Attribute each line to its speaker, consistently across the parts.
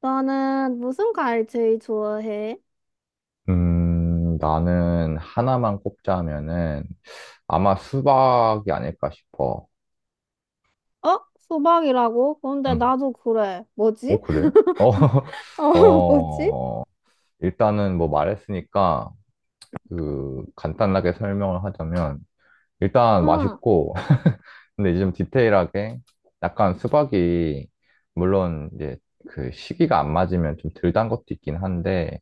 Speaker 1: 나는 무슨 과일 제일 좋아해?
Speaker 2: 나는 하나만 꼽자면은 아마 수박이 아닐까 싶어.
Speaker 1: 어? 수박이라고? 근데
Speaker 2: 응.
Speaker 1: 나도 그래.
Speaker 2: 어,
Speaker 1: 뭐지?
Speaker 2: 그래? 어,
Speaker 1: 어, 뭐지?
Speaker 2: 어, 일단은 뭐 말했으니까 그 간단하게 설명을 하자면 일단
Speaker 1: 응.
Speaker 2: 맛있고. 근데 이제 좀 디테일하게, 약간 수박이, 물론 이제 그 시기가 안 맞으면 좀 덜 단 것도 있긴 한데,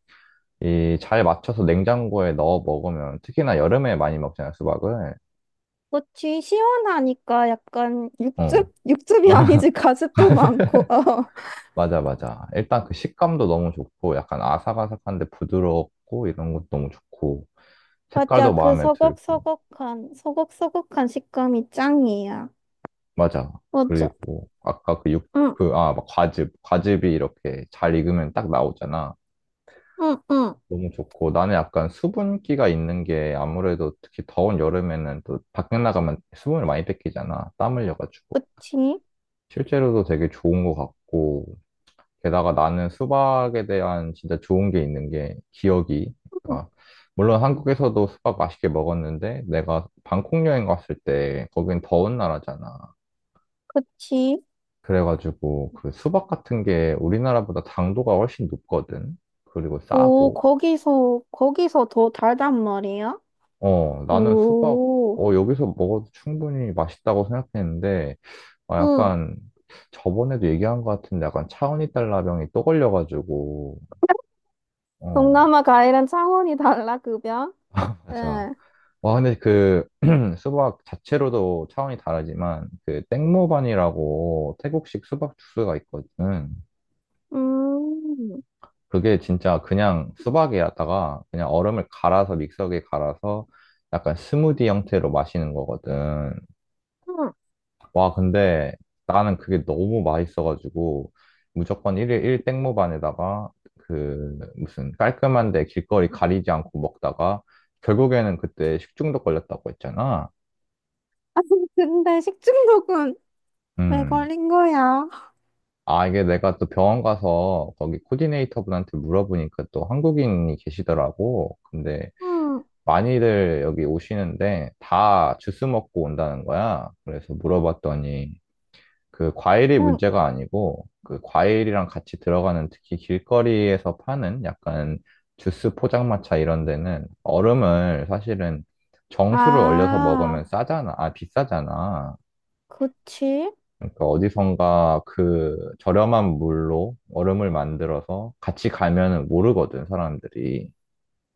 Speaker 2: 이 잘 맞춰서 냉장고에 넣어 먹으면 특히나 여름에 많이 먹잖아, 수박을.
Speaker 1: 그치, 시원하니까 약간
Speaker 2: 어.
Speaker 1: 육즙? 육즙이 아니지, 가습도 많고, 어.
Speaker 2: 맞아, 맞아. 일단 그 식감도 너무 좋고, 약간 아삭아삭한데 부드럽고, 이런 것도 너무 좋고,
Speaker 1: 맞아,
Speaker 2: 색깔도
Speaker 1: 그
Speaker 2: 마음에 들고.
Speaker 1: 서걱서걱한 식감이 짱이야.
Speaker 2: 맞아.
Speaker 1: 맞아.
Speaker 2: 그리고 아까 그
Speaker 1: 응,
Speaker 2: 그, 아, 막 과즙이 이렇게 잘 익으면 딱 나오잖아.
Speaker 1: 응, 응.
Speaker 2: 너무 좋고, 나는 약간 수분기가 있는 게 아무래도 특히 더운 여름에는 또 밖에 나가면 수분을 많이 뺏기잖아, 땀 흘려가지고.
Speaker 1: 그치?
Speaker 2: 실제로도 되게 좋은 것 같고, 게다가 나는 수박에 대한 진짜 좋은 게 있는 게 기억이.
Speaker 1: 응,
Speaker 2: 그러니까 물론 한국에서도 수박 맛있게 먹었는데, 내가 방콕 여행 갔을 때 거긴 더운 나라잖아.
Speaker 1: 그치?
Speaker 2: 그래가지고 그 수박 같은 게 우리나라보다 당도가 훨씬 높거든. 그리고
Speaker 1: 오,
Speaker 2: 싸고.
Speaker 1: 거기서 더 달단 말이야?
Speaker 2: 어, 나는 수박,
Speaker 1: 오.
Speaker 2: 여기서 먹어도 충분히 맛있다고 생각했는데, 어,
Speaker 1: 응.
Speaker 2: 약간 저번에도 얘기한 것 같은데, 약간 차은이 달라병이 또 걸려가지고, 어,
Speaker 1: 동남아 과일은 창원이 달라, 급여?
Speaker 2: 맞아.
Speaker 1: 예.
Speaker 2: 와, 근데 그 수박 자체로도 차원이 다르지만, 그 땡모반이라고 태국식 수박 주스가 있거든.
Speaker 1: 음.
Speaker 2: 그게 진짜 그냥 수박에다가 그냥 얼음을 갈아서, 믹서기에 갈아서 약간 스무디 형태로 마시는 거거든.
Speaker 1: 음. 아니,
Speaker 2: 와, 근데 나는 그게 너무 맛있어가지고 무조건 일일일 땡모반에다가, 그 무슨 깔끔한데 길거리 가리지 않고 먹다가 결국에는 그때 식중독 걸렸다고 했잖아.
Speaker 1: 근데 식중독은 왜
Speaker 2: 음.
Speaker 1: 걸린 거야?
Speaker 2: 아, 이게, 내가 또 병원 가서 거기 코디네이터분한테 물어보니까 또 한국인이 계시더라고. 근데
Speaker 1: 응,
Speaker 2: 많이들 여기 오시는데 다 주스 먹고 온다는 거야. 그래서 물어봤더니, 그 과일이
Speaker 1: 응.
Speaker 2: 문제가 아니고 그 과일이랑 같이 들어가는, 특히 길거리에서 파는 약간 주스 포장마차 이런 데는 얼음을 사실은, 정수를 얼려서
Speaker 1: 아,
Speaker 2: 먹으면 싸잖아. 아, 비싸잖아.
Speaker 1: 그치?
Speaker 2: 그러니까 어디선가 그 저렴한 물로 얼음을 만들어서 같이 가면은 모르거든, 사람들이.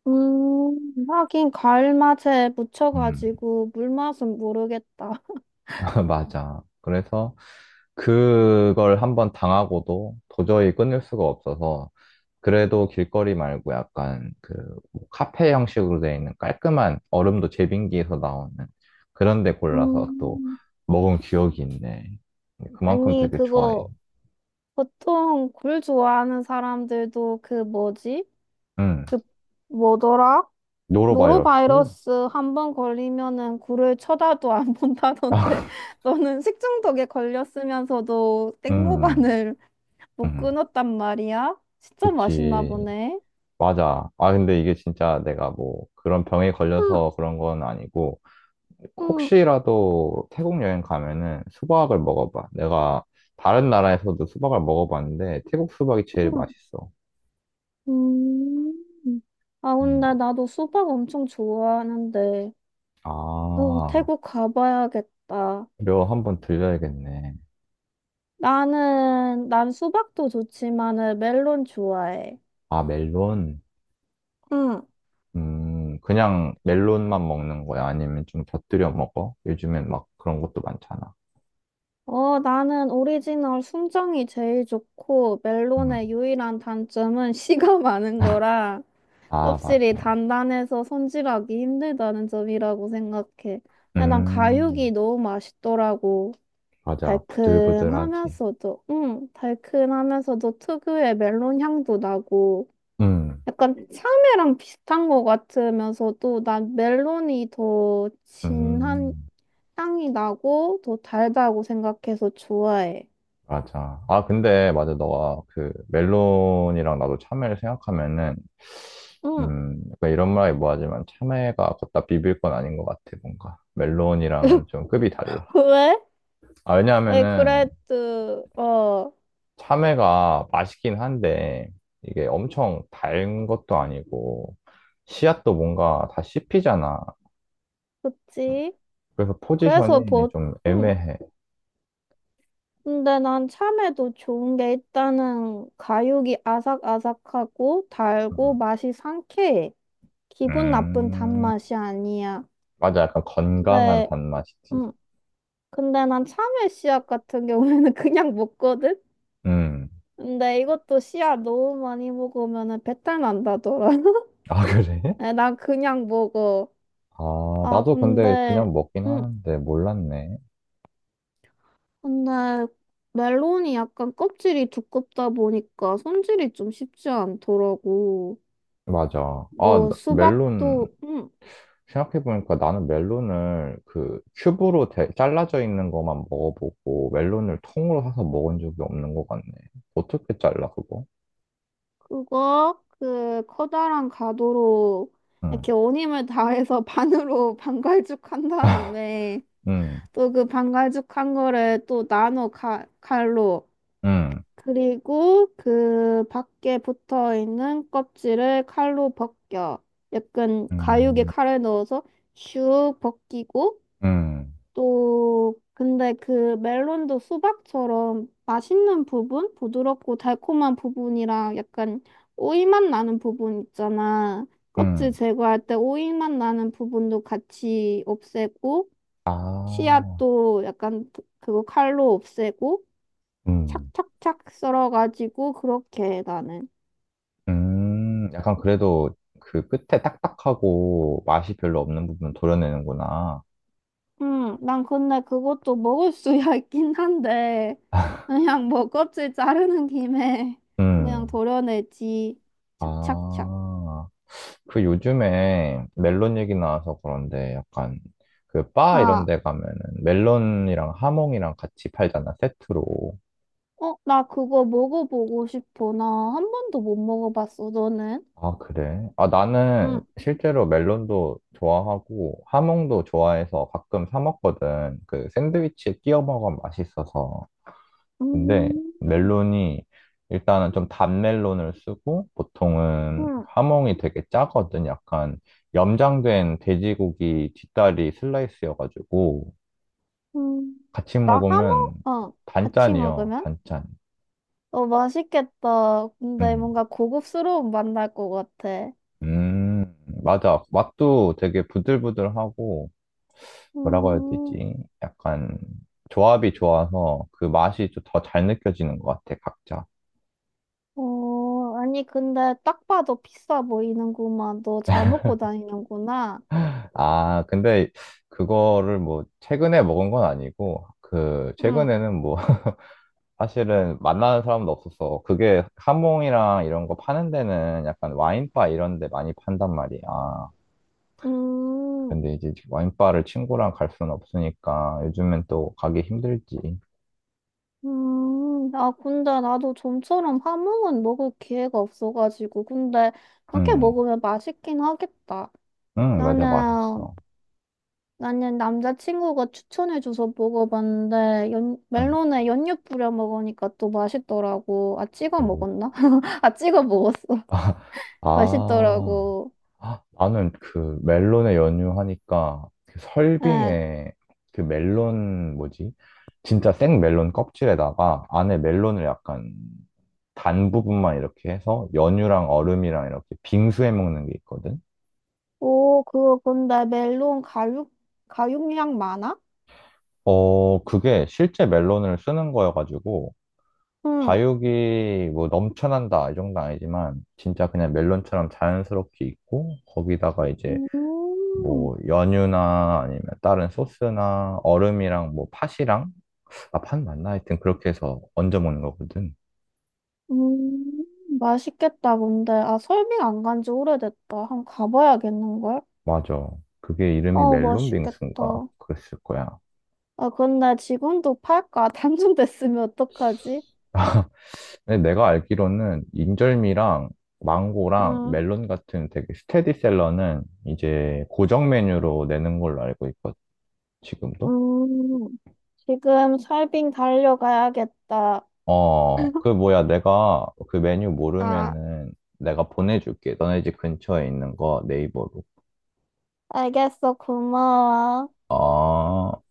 Speaker 1: 하긴 과일 맛에
Speaker 2: 음.
Speaker 1: 묻혀가지고 물 맛은 모르겠다.
Speaker 2: 맞아. 그래서 그걸 한번 당하고도 도저히 끊을 수가 없어서, 그래도 길거리 말고 약간 그뭐 카페 형식으로 되어 있는, 깔끔한 얼음도 제빙기에서 나오는 그런 데 골라서 또
Speaker 1: 음.
Speaker 2: 먹은 기억이 있네. 그만큼
Speaker 1: 아니,
Speaker 2: 되게 좋아해.
Speaker 1: 그거 보통 굴 좋아하는 사람들도 그 뭐지?
Speaker 2: 음.
Speaker 1: 그 뭐더라?
Speaker 2: 노로바이러스?
Speaker 1: 노로바이러스 한 번 걸리면은 굴을 쳐다도 안 본다던데 너는 식중독에 걸렸으면서도
Speaker 2: 음.
Speaker 1: 땡모반을 못
Speaker 2: 음.
Speaker 1: 끊었단 말이야? 진짜 맛있나
Speaker 2: 그치.
Speaker 1: 보네.
Speaker 2: 맞아. 아, 근데 이게 진짜 내가 뭐 그런 병에
Speaker 1: 응,
Speaker 2: 걸려서 그런 건 아니고,
Speaker 1: 응,
Speaker 2: 혹시라도 태국 여행 가면은 수박을 먹어봐. 내가 다른 나라에서도 수박을 먹어봤는데, 태국 수박이 제일
Speaker 1: 응.
Speaker 2: 맛있어.
Speaker 1: 음. 아,
Speaker 2: 음.
Speaker 1: 근데 나도 수박 엄청 좋아하는데,
Speaker 2: 아,
Speaker 1: 태국 가봐야겠다.
Speaker 2: 이거 한번 들려야겠네.
Speaker 1: 난 수박도 좋지만은 멜론 좋아해.
Speaker 2: 아, 멜론? 그냥 멜론만 먹는 거야? 아니면 좀 곁들여 먹어? 요즘엔 막 그런 것도 많잖아.
Speaker 1: 나는 오리지널 순정이 제일 좋고,
Speaker 2: 음.
Speaker 1: 멜론의 유일한 단점은 씨가 많은 거라,
Speaker 2: 아,
Speaker 1: 껍질이
Speaker 2: 맞아.
Speaker 1: 단단해서 손질하기 힘들다는 점이라고 생각해. 아니, 난
Speaker 2: 음,
Speaker 1: 가육이 너무 맛있더라고.
Speaker 2: 맞아. 부들부들하지.
Speaker 1: 응, 달큰하면서도 특유의 멜론 향도 나고,
Speaker 2: 음,
Speaker 1: 약간 참외랑 비슷한 것 같으면서도, 난 멜론이 더 진한
Speaker 2: 음,
Speaker 1: 향이 나고, 더 달다고 생각해서 좋아해.
Speaker 2: 맞아. 아, 근데, 맞아. 너가 그 멜론이랑 나도 참외를 생각하면은,
Speaker 1: 응.
Speaker 2: 약간 이런 말이 뭐하지만 참외가 갖다 비빌 건 아닌 것 같아, 뭔가. 멜론이랑은 좀 급이 달라.
Speaker 1: 왜?
Speaker 2: 아,
Speaker 1: 아니,
Speaker 2: 왜냐하면은,
Speaker 1: 그래도,
Speaker 2: 참외가 맛있긴 한데, 이게 엄청 단 것도 아니고, 씨앗도 뭔가 다 씹히잖아.
Speaker 1: 그치?
Speaker 2: 그래서
Speaker 1: 그래서
Speaker 2: 포지션이
Speaker 1: 보,
Speaker 2: 좀
Speaker 1: 응.
Speaker 2: 애매해.
Speaker 1: 근데 난 참외도 좋은 게 일단은 가육이 아삭아삭하고 달고
Speaker 2: 음,
Speaker 1: 맛이 상쾌해. 기분 나쁜
Speaker 2: 음,
Speaker 1: 단맛이 아니야.
Speaker 2: 맞아. 약간 건강한
Speaker 1: 근데,
Speaker 2: 단맛이지.
Speaker 1: 응. 근데 난 참외 씨앗 같은 경우에는 그냥 먹거든?
Speaker 2: 음.
Speaker 1: 근데 이것도 씨앗 너무 많이 먹으면은 배탈 난다더라.
Speaker 2: 아, 그래?
Speaker 1: 난 그냥 먹어.
Speaker 2: 아,
Speaker 1: 아,
Speaker 2: 나도 근데
Speaker 1: 근데,
Speaker 2: 그냥 먹긴
Speaker 1: 음.
Speaker 2: 하는데 몰랐네.
Speaker 1: 근데 멜론이 약간 껍질이 두껍다 보니까 손질이 좀 쉽지 않더라고.
Speaker 2: 맞아. 아,
Speaker 1: 뭐
Speaker 2: 멜론,
Speaker 1: 수박도
Speaker 2: 생각해보니까 나는 멜론을 그 큐브로 잘라져 있는 것만 먹어보고, 멜론을 통으로 사서 먹은 적이 없는 것 같네. 어떻게 잘라, 그거?
Speaker 1: 그거 그 커다란 가도로
Speaker 2: 응,
Speaker 1: 이렇게 온 힘을 다해서 반으로 반갈죽한 다음에
Speaker 2: 응,
Speaker 1: 또 그 반갈죽한 거를 또 나눠 칼로
Speaker 2: 응,
Speaker 1: 그리고 그 밖에 붙어 있는 껍질을 칼로 벗겨. 약간 가육에
Speaker 2: 응,
Speaker 1: 칼을 넣어서 슉 벗기고
Speaker 2: 응,
Speaker 1: 또 근데 그 멜론도 수박처럼 맛있는 부분, 부드럽고 달콤한 부분이랑 약간 오이맛 나는 부분 있잖아. 껍질
Speaker 2: 응.
Speaker 1: 제거할 때 오이맛 나는 부분도 같이 없애고
Speaker 2: 아,
Speaker 1: 씨앗도 약간 그거 칼로 없애고
Speaker 2: 음,
Speaker 1: 착착착 썰어가지고 그렇게 해 나는.
Speaker 2: 약간 그래도 그 끝에 딱딱하고 맛이 별로 없는 부분 도려내는구나.
Speaker 1: 응, 난 근데 그것도 먹을 수야 있긴 한데, 그냥 뭐 껍질 자르는 김에 그냥
Speaker 2: 음.
Speaker 1: 도려내지. 착착착.
Speaker 2: 아, 그 요즘에 멜론 얘기 나와서 그런데, 약간 그 바 이런
Speaker 1: 아,
Speaker 2: 데 가면은 멜론이랑 하몽이랑 같이 팔잖아, 세트로.
Speaker 1: 어, 나 그거 먹어보고 싶어. 나 한 번도 못 먹어봤어, 너는?
Speaker 2: 아, 그래? 아, 나는
Speaker 1: 응,
Speaker 2: 실제로 멜론도 좋아하고 하몽도 좋아해서 가끔 사 먹거든. 그 샌드위치에 끼워 먹으면 맛있어서. 근데
Speaker 1: 음,
Speaker 2: 멜론이 일단은 좀 단 멜론을 쓰고, 보통은
Speaker 1: 응,
Speaker 2: 하몽이 되게 짜거든. 약간 염장된 돼지고기 뒷다리 슬라이스여가지고
Speaker 1: 음.
Speaker 2: 같이
Speaker 1: 나 하모?
Speaker 2: 먹으면
Speaker 1: 어, 같이
Speaker 2: 단짠이요.
Speaker 1: 먹으면?
Speaker 2: 단짠.
Speaker 1: 어, 맛있겠다. 근데
Speaker 2: 음.
Speaker 1: 뭔가 고급스러운 맛날 것 같아.
Speaker 2: 음, 맞아. 맛도 되게 부들부들하고, 뭐라고 해야
Speaker 1: 음.
Speaker 2: 되지? 약간 조합이 좋아서 그 맛이 좀 더 잘 느껴지는 것 같아, 각자.
Speaker 1: 아니, 근데 딱 봐도 비싸 보이는구만. 너 잘 먹고 다니는구나.
Speaker 2: 아, 근데 그거를 뭐 최근에 먹은 건 아니고, 그
Speaker 1: 응.
Speaker 2: 최근에는 뭐 사실은 만나는 사람도 없어서, 그게 하몽이랑 이런 거 파는 데는 약간 와인바 이런 데 많이 판단 말이야.
Speaker 1: 음,
Speaker 2: 근데 이제 와인바를 친구랑 갈 수는 없으니까 요즘엔 또 가기 힘들지.
Speaker 1: 아, 근데 나도 좀처럼 함흥은 먹을 기회가 없어가지고. 근데 이렇게
Speaker 2: 응,
Speaker 1: 먹으면 맛있긴 하겠다.
Speaker 2: 응, 맞아,
Speaker 1: 나는,
Speaker 2: 맛있어.
Speaker 1: 나는 남자친구가 추천해줘서 먹어봤는데,
Speaker 2: 응.
Speaker 1: 멜론에 연유 뿌려 먹으니까 또 맛있더라고. 아, 찍어
Speaker 2: 오.
Speaker 1: 먹었나? 아, 찍어 먹었어.
Speaker 2: 아,
Speaker 1: 맛있더라고.
Speaker 2: 나는 그 멜론에 연유하니까 그
Speaker 1: 예,
Speaker 2: 설빙에 그 멜론 뭐지? 진짜 생 멜론 껍질에다가 안에 멜론을 약간 단 부분만 이렇게 해서 연유랑 얼음이랑 이렇게 빙수해 먹는 게 있거든.
Speaker 1: 오, 그거 근데 멜론 가육량 많아?
Speaker 2: 어, 그게 실제 멜론을 쓰는 거여가지고,
Speaker 1: 응.
Speaker 2: 과육이 뭐 넘쳐난다 이 정도 는 아니지만 진짜 그냥 멜론처럼 자연스럽게 있고, 거기다가 이제
Speaker 1: 음,
Speaker 2: 뭐 연유나 아니면 다른 소스나 얼음이랑 뭐 팥이랑, 아, 팥 맞나? 하여튼 그렇게 해서 얹어 먹는 거거든.
Speaker 1: 음, 맛있겠다, 근데. 아, 설빙 안 간지 오래됐다. 한번 가봐야겠는걸?
Speaker 2: 맞아. 그게 이름이
Speaker 1: 어,
Speaker 2: 멜론 빙수인가?
Speaker 1: 맛있겠다.
Speaker 2: 그랬을 거야.
Speaker 1: 아, 근데 지금도 팔까? 단종됐으면 어떡하지?
Speaker 2: 근데 내가 알기로는 인절미랑 망고랑
Speaker 1: 음,
Speaker 2: 멜론 같은 되게 스테디셀러는 이제 고정 메뉴로 내는 걸로 알고 있거든. 지금도?
Speaker 1: 음, 지금 설빙 달려가야겠다.
Speaker 2: 어, 그 뭐야, 내가 그 메뉴
Speaker 1: 아,
Speaker 2: 모르면은 내가 보내줄게. 너네 집 근처에 있는 거 네이버로.
Speaker 1: 알겠어. 고마워.
Speaker 2: 아.